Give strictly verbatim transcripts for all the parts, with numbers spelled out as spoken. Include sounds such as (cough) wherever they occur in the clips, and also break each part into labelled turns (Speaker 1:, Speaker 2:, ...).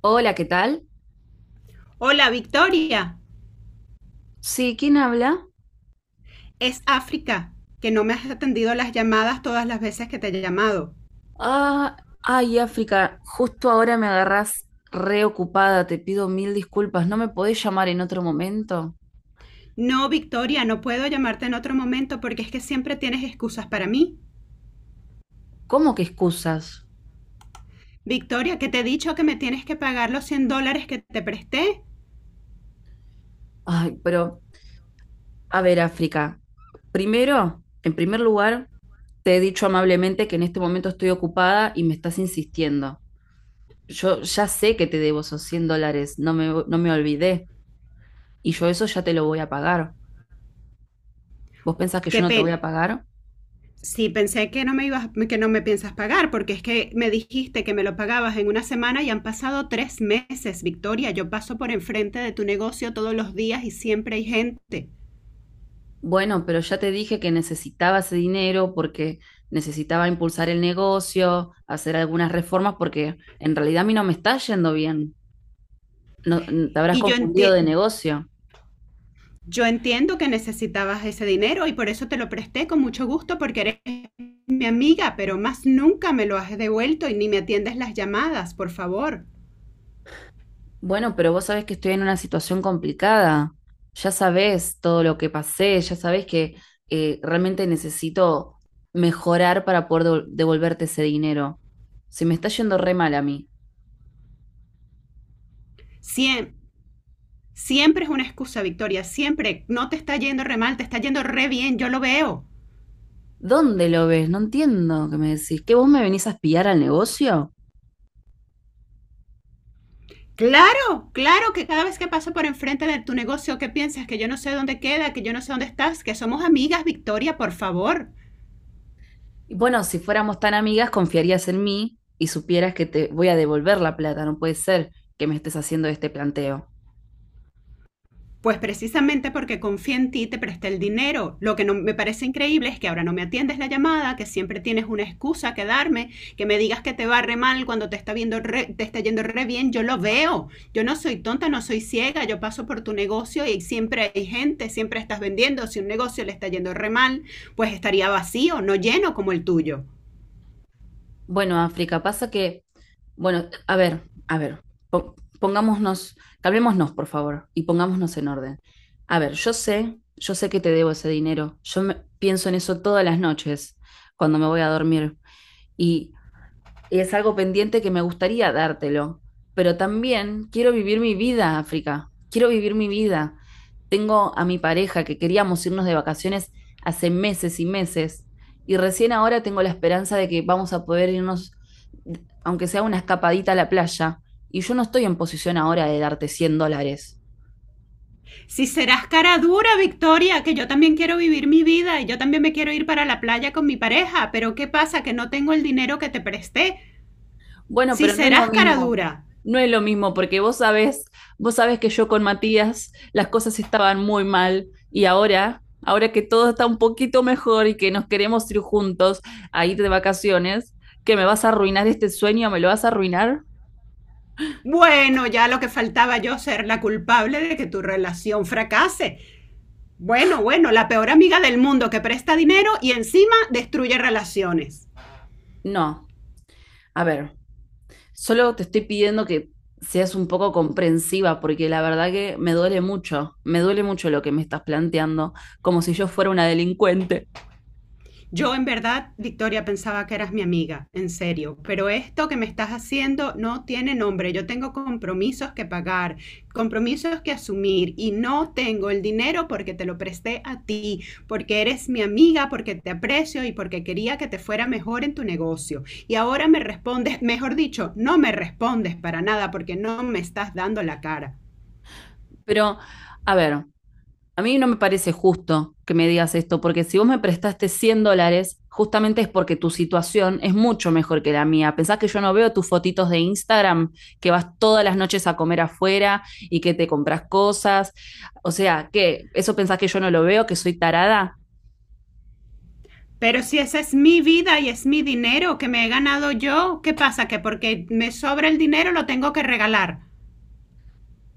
Speaker 1: Hola, ¿qué tal?
Speaker 2: Hola, Victoria.
Speaker 1: Sí, ¿quién habla?
Speaker 2: Es África, que no me has atendido las llamadas todas las veces que te he llamado.
Speaker 1: Ah, ay, África, justo ahora me agarrás reocupada, te pido mil disculpas, ¿no me podés llamar en otro momento?
Speaker 2: No, Victoria, no puedo llamarte en otro momento porque es que siempre tienes excusas para mí.
Speaker 1: ¿Cómo que excusas?
Speaker 2: Victoria, que te he dicho que me tienes que pagar los cien dólares que te presté.
Speaker 1: Ay, pero, a ver, África, primero, en primer lugar, te he dicho amablemente que en este momento estoy ocupada y me estás insistiendo. Yo ya sé que te debo esos cien dólares, no me, no me olvidé, y yo eso ya te lo voy a pagar. ¿Vos pensás que yo
Speaker 2: Qué
Speaker 1: no te voy
Speaker 2: pena.
Speaker 1: a pagar?
Speaker 2: Sí, pensé que no me ibas, que no me piensas pagar, porque es que me dijiste que me lo pagabas en una semana y han pasado tres meses, Victoria. Yo paso por enfrente de tu negocio todos los días y siempre hay gente.
Speaker 1: Bueno, pero ya te dije que necesitaba ese dinero porque necesitaba impulsar el negocio, hacer algunas reformas, porque en realidad a mí no me está yendo bien. No, n- te habrás
Speaker 2: Y yo
Speaker 1: confundido
Speaker 2: enti-
Speaker 1: de negocio.
Speaker 2: Yo entiendo que necesitabas ese dinero y por eso te lo presté con mucho gusto porque eres mi amiga, pero más nunca me lo has devuelto y ni me atiendes las llamadas, por favor.
Speaker 1: Bueno, pero vos sabés que estoy en una situación complicada. Ya sabés todo lo que pasé, ya sabés que eh, realmente necesito mejorar para poder devol- devolverte ese dinero. Se me está yendo re mal a mí.
Speaker 2: Siem- siempre es una excusa, Victoria, siempre. No te está yendo re mal, te está yendo re bien, yo lo veo.
Speaker 1: ¿Dónde lo ves? No entiendo qué me decís. ¿Que vos me venís a espiar al negocio?
Speaker 2: Claro, claro que cada vez que paso por enfrente de tu negocio, ¿qué piensas? Que yo no sé dónde queda, que yo no sé dónde estás, que somos amigas, Victoria, por favor.
Speaker 1: Y bueno, si fuéramos tan amigas, confiarías en mí y supieras que te voy a devolver la plata. No puede ser que me estés haciendo este planteo.
Speaker 2: Pues precisamente porque confía en ti, te presté el dinero. Lo que no me parece increíble es que ahora no me atiendes la llamada, que siempre tienes una excusa que darme, que me digas que te va re mal cuando te está viendo re- te está yendo re bien. Yo lo veo. Yo no soy tonta, no soy ciega. Yo paso por tu negocio y siempre hay gente, siempre estás vendiendo. Si un negocio le está yendo re mal, pues estaría vacío, no lleno como el tuyo.
Speaker 1: Bueno, África, pasa que, bueno, a ver, a ver, po- pongámonos, calmémonos, por favor, y pongámonos en orden. A ver, yo sé, yo sé que te debo ese dinero. Yo me- pienso en eso todas las noches cuando me voy a dormir. Y es algo pendiente que me gustaría dártelo, pero también quiero vivir mi vida, África, quiero vivir mi vida. Tengo a mi pareja que queríamos irnos de vacaciones hace meses y meses y recién ahora tengo la esperanza de que vamos a poder irnos, aunque sea una escapadita a la playa, y yo no estoy en posición ahora de darte cien dólares.
Speaker 2: Si serás cara dura, Victoria, que yo también quiero vivir mi vida y yo también me quiero ir para la playa con mi pareja, pero ¿qué pasa? Que no tengo el dinero que te presté.
Speaker 1: Bueno,
Speaker 2: Si
Speaker 1: pero no es lo
Speaker 2: serás cara
Speaker 1: mismo.
Speaker 2: dura.
Speaker 1: No es lo mismo, porque vos sabés, vos sabés que yo con Matías las cosas estaban muy mal y ahora, ahora que todo está un poquito mejor y que nos queremos ir juntos a ir de vacaciones, ¿que me vas a arruinar este sueño? ¿Me lo vas a arruinar?
Speaker 2: Bueno, ya lo que faltaba, yo ser la culpable de que tu relación fracase. Bueno, bueno, la peor amiga del mundo que presta dinero y encima destruye relaciones.
Speaker 1: No. A ver, solo te estoy pidiendo que seas un poco comprensiva, porque la verdad que me duele mucho, me duele mucho lo que me estás planteando, como si yo fuera una delincuente.
Speaker 2: Yo en verdad, Victoria, pensaba que eras mi amiga, en serio, pero esto que me estás haciendo no tiene nombre. Yo tengo compromisos que pagar, compromisos que asumir y no tengo el dinero porque te lo presté a ti, porque eres mi amiga, porque te aprecio y porque quería que te fuera mejor en tu negocio. Y ahora me respondes, mejor dicho, no me respondes para nada porque no me estás dando la cara.
Speaker 1: Pero, a ver. A mí no me parece justo que me digas esto, porque si vos me prestaste cien dólares, justamente es porque tu situación es mucho mejor que la mía. Pensás que yo no veo tus fotitos de Instagram, que vas todas las noches a comer afuera y que te compras cosas. O sea, ¿qué? ¿Eso pensás que yo no lo veo, que soy tarada?
Speaker 2: Pero si esa es mi vida y es mi dinero que me he ganado yo, ¿qué pasa? Que porque me sobra el dinero lo tengo que regalar.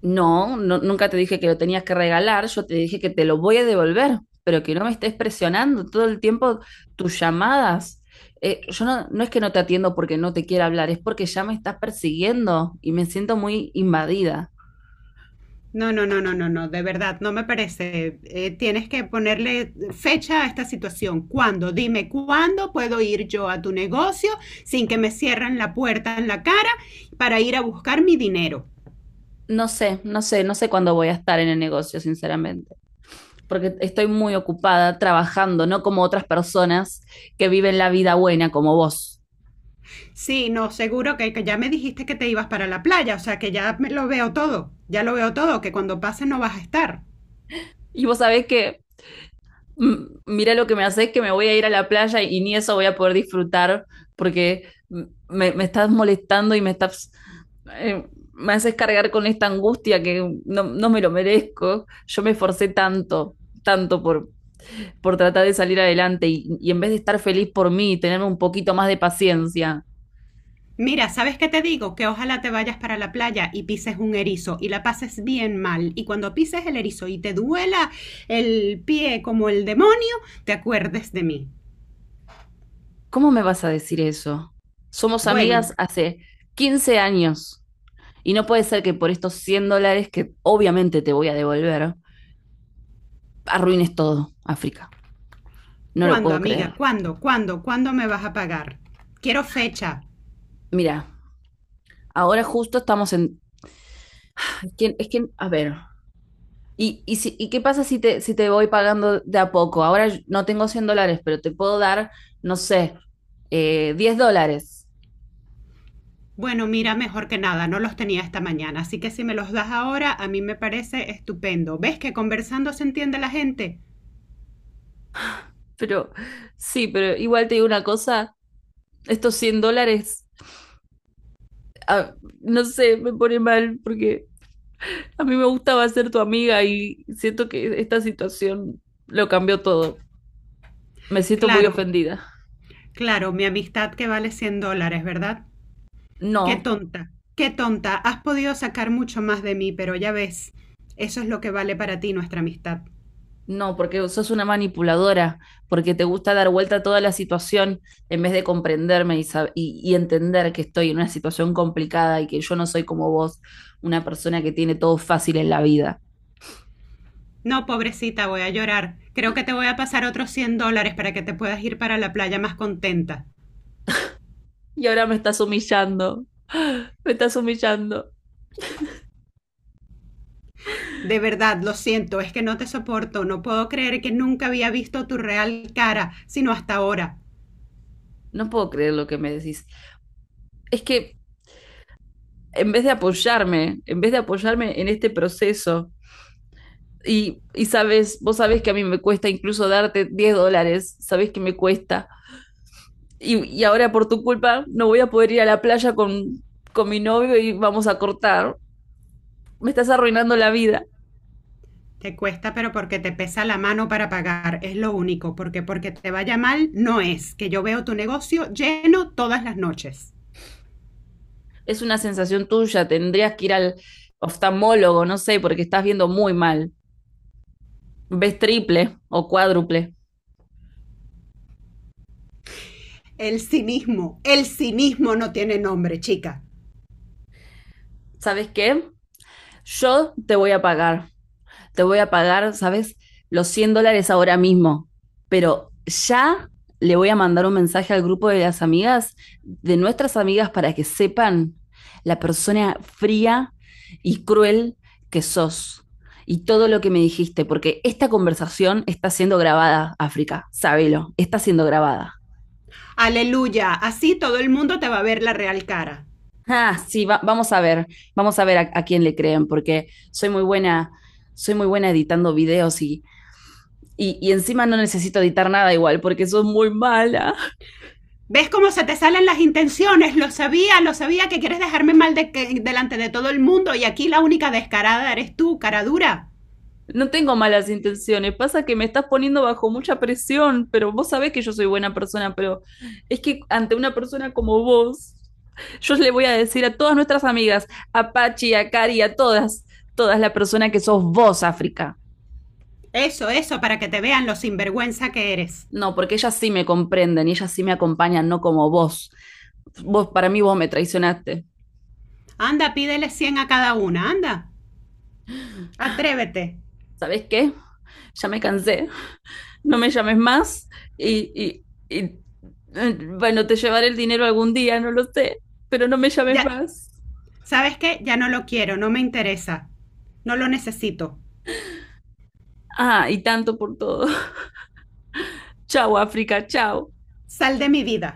Speaker 1: No, no, nunca te dije que lo tenías que regalar, yo te dije que te lo voy a devolver, pero que no me estés presionando todo el tiempo tus llamadas. Eh, yo no, no es que no te atiendo porque no te quiera hablar, es porque ya me estás persiguiendo y me siento muy invadida.
Speaker 2: No, no, no, no, no, no, de verdad, no me parece. Eh, tienes que ponerle fecha a esta situación. ¿Cuándo? Dime cuándo puedo ir yo a tu negocio sin que me cierren la puerta en la cara para ir a buscar mi dinero.
Speaker 1: No sé, no sé, no sé cuándo voy a estar en el negocio, sinceramente, porque estoy muy ocupada trabajando, no como otras personas que viven la vida buena como vos.
Speaker 2: Sí, no, seguro que, que ya me dijiste que te ibas para la playa, o sea que ya me lo veo todo, ya lo veo todo, que cuando pase no vas a estar.
Speaker 1: Y vos sabés que mm, mira lo que me haces, que me voy a ir a la playa y ni eso voy a poder disfrutar porque mm, me, me estás molestando y me estás, eh, me haces cargar con esta angustia que no, no me lo merezco. Yo me esforcé tanto, tanto por, por tratar de salir adelante y, y en vez de estar feliz por mí y tener un poquito más de paciencia,
Speaker 2: Mira, ¿sabes qué te digo? Que ojalá te vayas para la playa y pises un erizo y la pases bien mal. Y cuando pises el erizo y te duela el pie como el demonio, te acuerdes de mí.
Speaker 1: ¿cómo me vas a decir eso? Somos
Speaker 2: Bueno,
Speaker 1: amigas hace quince años y no puede ser que por estos cien dólares que obviamente te voy a devolver arruines todo, África. No lo
Speaker 2: ¿cuándo,
Speaker 1: puedo creer.
Speaker 2: amiga? ¿Cuándo? ¿Cuándo? ¿Cuándo me vas a pagar? Quiero fecha.
Speaker 1: Mira, ahora justo estamos en... Es que, es que a ver, ¿y, y, si- ¿y qué pasa si te, si te voy pagando de a poco? Ahora no tengo cien dólares, pero te puedo dar, no sé, eh, diez dólares.
Speaker 2: Bueno, mira, mejor que nada, no los tenía esta mañana, así que si me los das ahora, a mí me parece estupendo. ¿Ves que conversando se entiende la gente?
Speaker 1: Pero sí, pero igual te digo una cosa, estos cien dólares, ah, no sé, me pone mal porque a mí me gustaba ser tu amiga y siento que esta situación lo cambió todo. Me siento muy
Speaker 2: Claro,
Speaker 1: ofendida.
Speaker 2: claro, mi amistad que vale cien dólares, ¿verdad? Qué
Speaker 1: No,
Speaker 2: tonta, qué tonta. Has podido sacar mucho más de mí, pero ya ves, eso es lo que vale para ti nuestra amistad.
Speaker 1: No, porque sos una manipuladora, porque te gusta dar vuelta a toda la situación en vez de comprenderme y, sab- y- y entender que estoy en una situación complicada y que yo no soy como vos, una persona que tiene todo fácil en la vida.
Speaker 2: No, pobrecita, voy a llorar. Creo que te voy a pasar otros cien dólares para que te puedas ir para la playa más contenta.
Speaker 1: Y ahora me estás humillando, (gasps) me estás humillando.
Speaker 2: De verdad, lo siento, es que no te soporto. No puedo creer que nunca había visto tu real cara, sino hasta ahora.
Speaker 1: No puedo creer lo que me decís. Es que en vez de apoyarme, en vez de apoyarme en este proceso, y, y sabes, vos sabés que a mí me cuesta incluso darte diez dólares, sabés que me cuesta. Y, y ahora por tu culpa no voy a poder ir a la playa con, con mi novio y vamos a cortar. Me estás arruinando la vida.
Speaker 2: Te cuesta, pero porque te pesa la mano para pagar, es lo único, porque porque te vaya mal no es, que yo veo tu negocio lleno todas las noches.
Speaker 1: Es una sensación tuya, tendrías que ir al oftalmólogo, no sé, porque estás viendo muy mal. Ves triple o cuádruple.
Speaker 2: El cinismo, el cinismo no tiene nombre, chica.
Speaker 1: ¿Sabes qué? Yo te voy a pagar. Te voy a pagar, ¿sabes? Los cien dólares ahora mismo, pero ya le voy a mandar un mensaje al grupo de las amigas, de nuestras amigas, para que sepan la persona fría y cruel que sos y todo lo que me dijiste, porque esta conversación está siendo grabada, África, sábelo, está siendo grabada.
Speaker 2: Aleluya, así todo el mundo te va a ver la real cara.
Speaker 1: Ah, sí, va- vamos a ver, vamos a ver a, a quién le creen, porque soy muy buena, soy muy buena editando videos y, Y, y encima no necesito editar nada igual, porque soy muy mala.
Speaker 2: ¿Ves cómo se te salen las intenciones? Lo sabía, lo sabía que quieres dejarme mal de que- delante de todo el mundo y aquí la única descarada eres tú, cara dura.
Speaker 1: No tengo malas intenciones. Pasa que me estás poniendo bajo mucha presión, pero vos sabés que yo soy buena persona, pero es que ante una persona como vos, yo le voy a decir a todas nuestras amigas, a Pachi, a Cari, a todas, todas la persona que sos vos, África.
Speaker 2: Eso, eso, para que te vean lo sinvergüenza que eres.
Speaker 1: No, porque ellas sí me comprenden y ellas sí me acompañan, no como vos. Vos, para mí, vos me traicionaste.
Speaker 2: Anda, pídele cien a cada una, anda. Atrévete.
Speaker 1: ¿Sabés qué? Ya me cansé. No me llames más y, y- y, eh, bueno, te llevaré el dinero algún día, no lo sé, pero no me llames
Speaker 2: Ya,
Speaker 1: más.
Speaker 2: ¿sabes qué? Ya no lo quiero, no me interesa. No lo necesito.
Speaker 1: Ah, y tanto por todo. (laughs) Chao, África, chao.
Speaker 2: Sal de mi vida.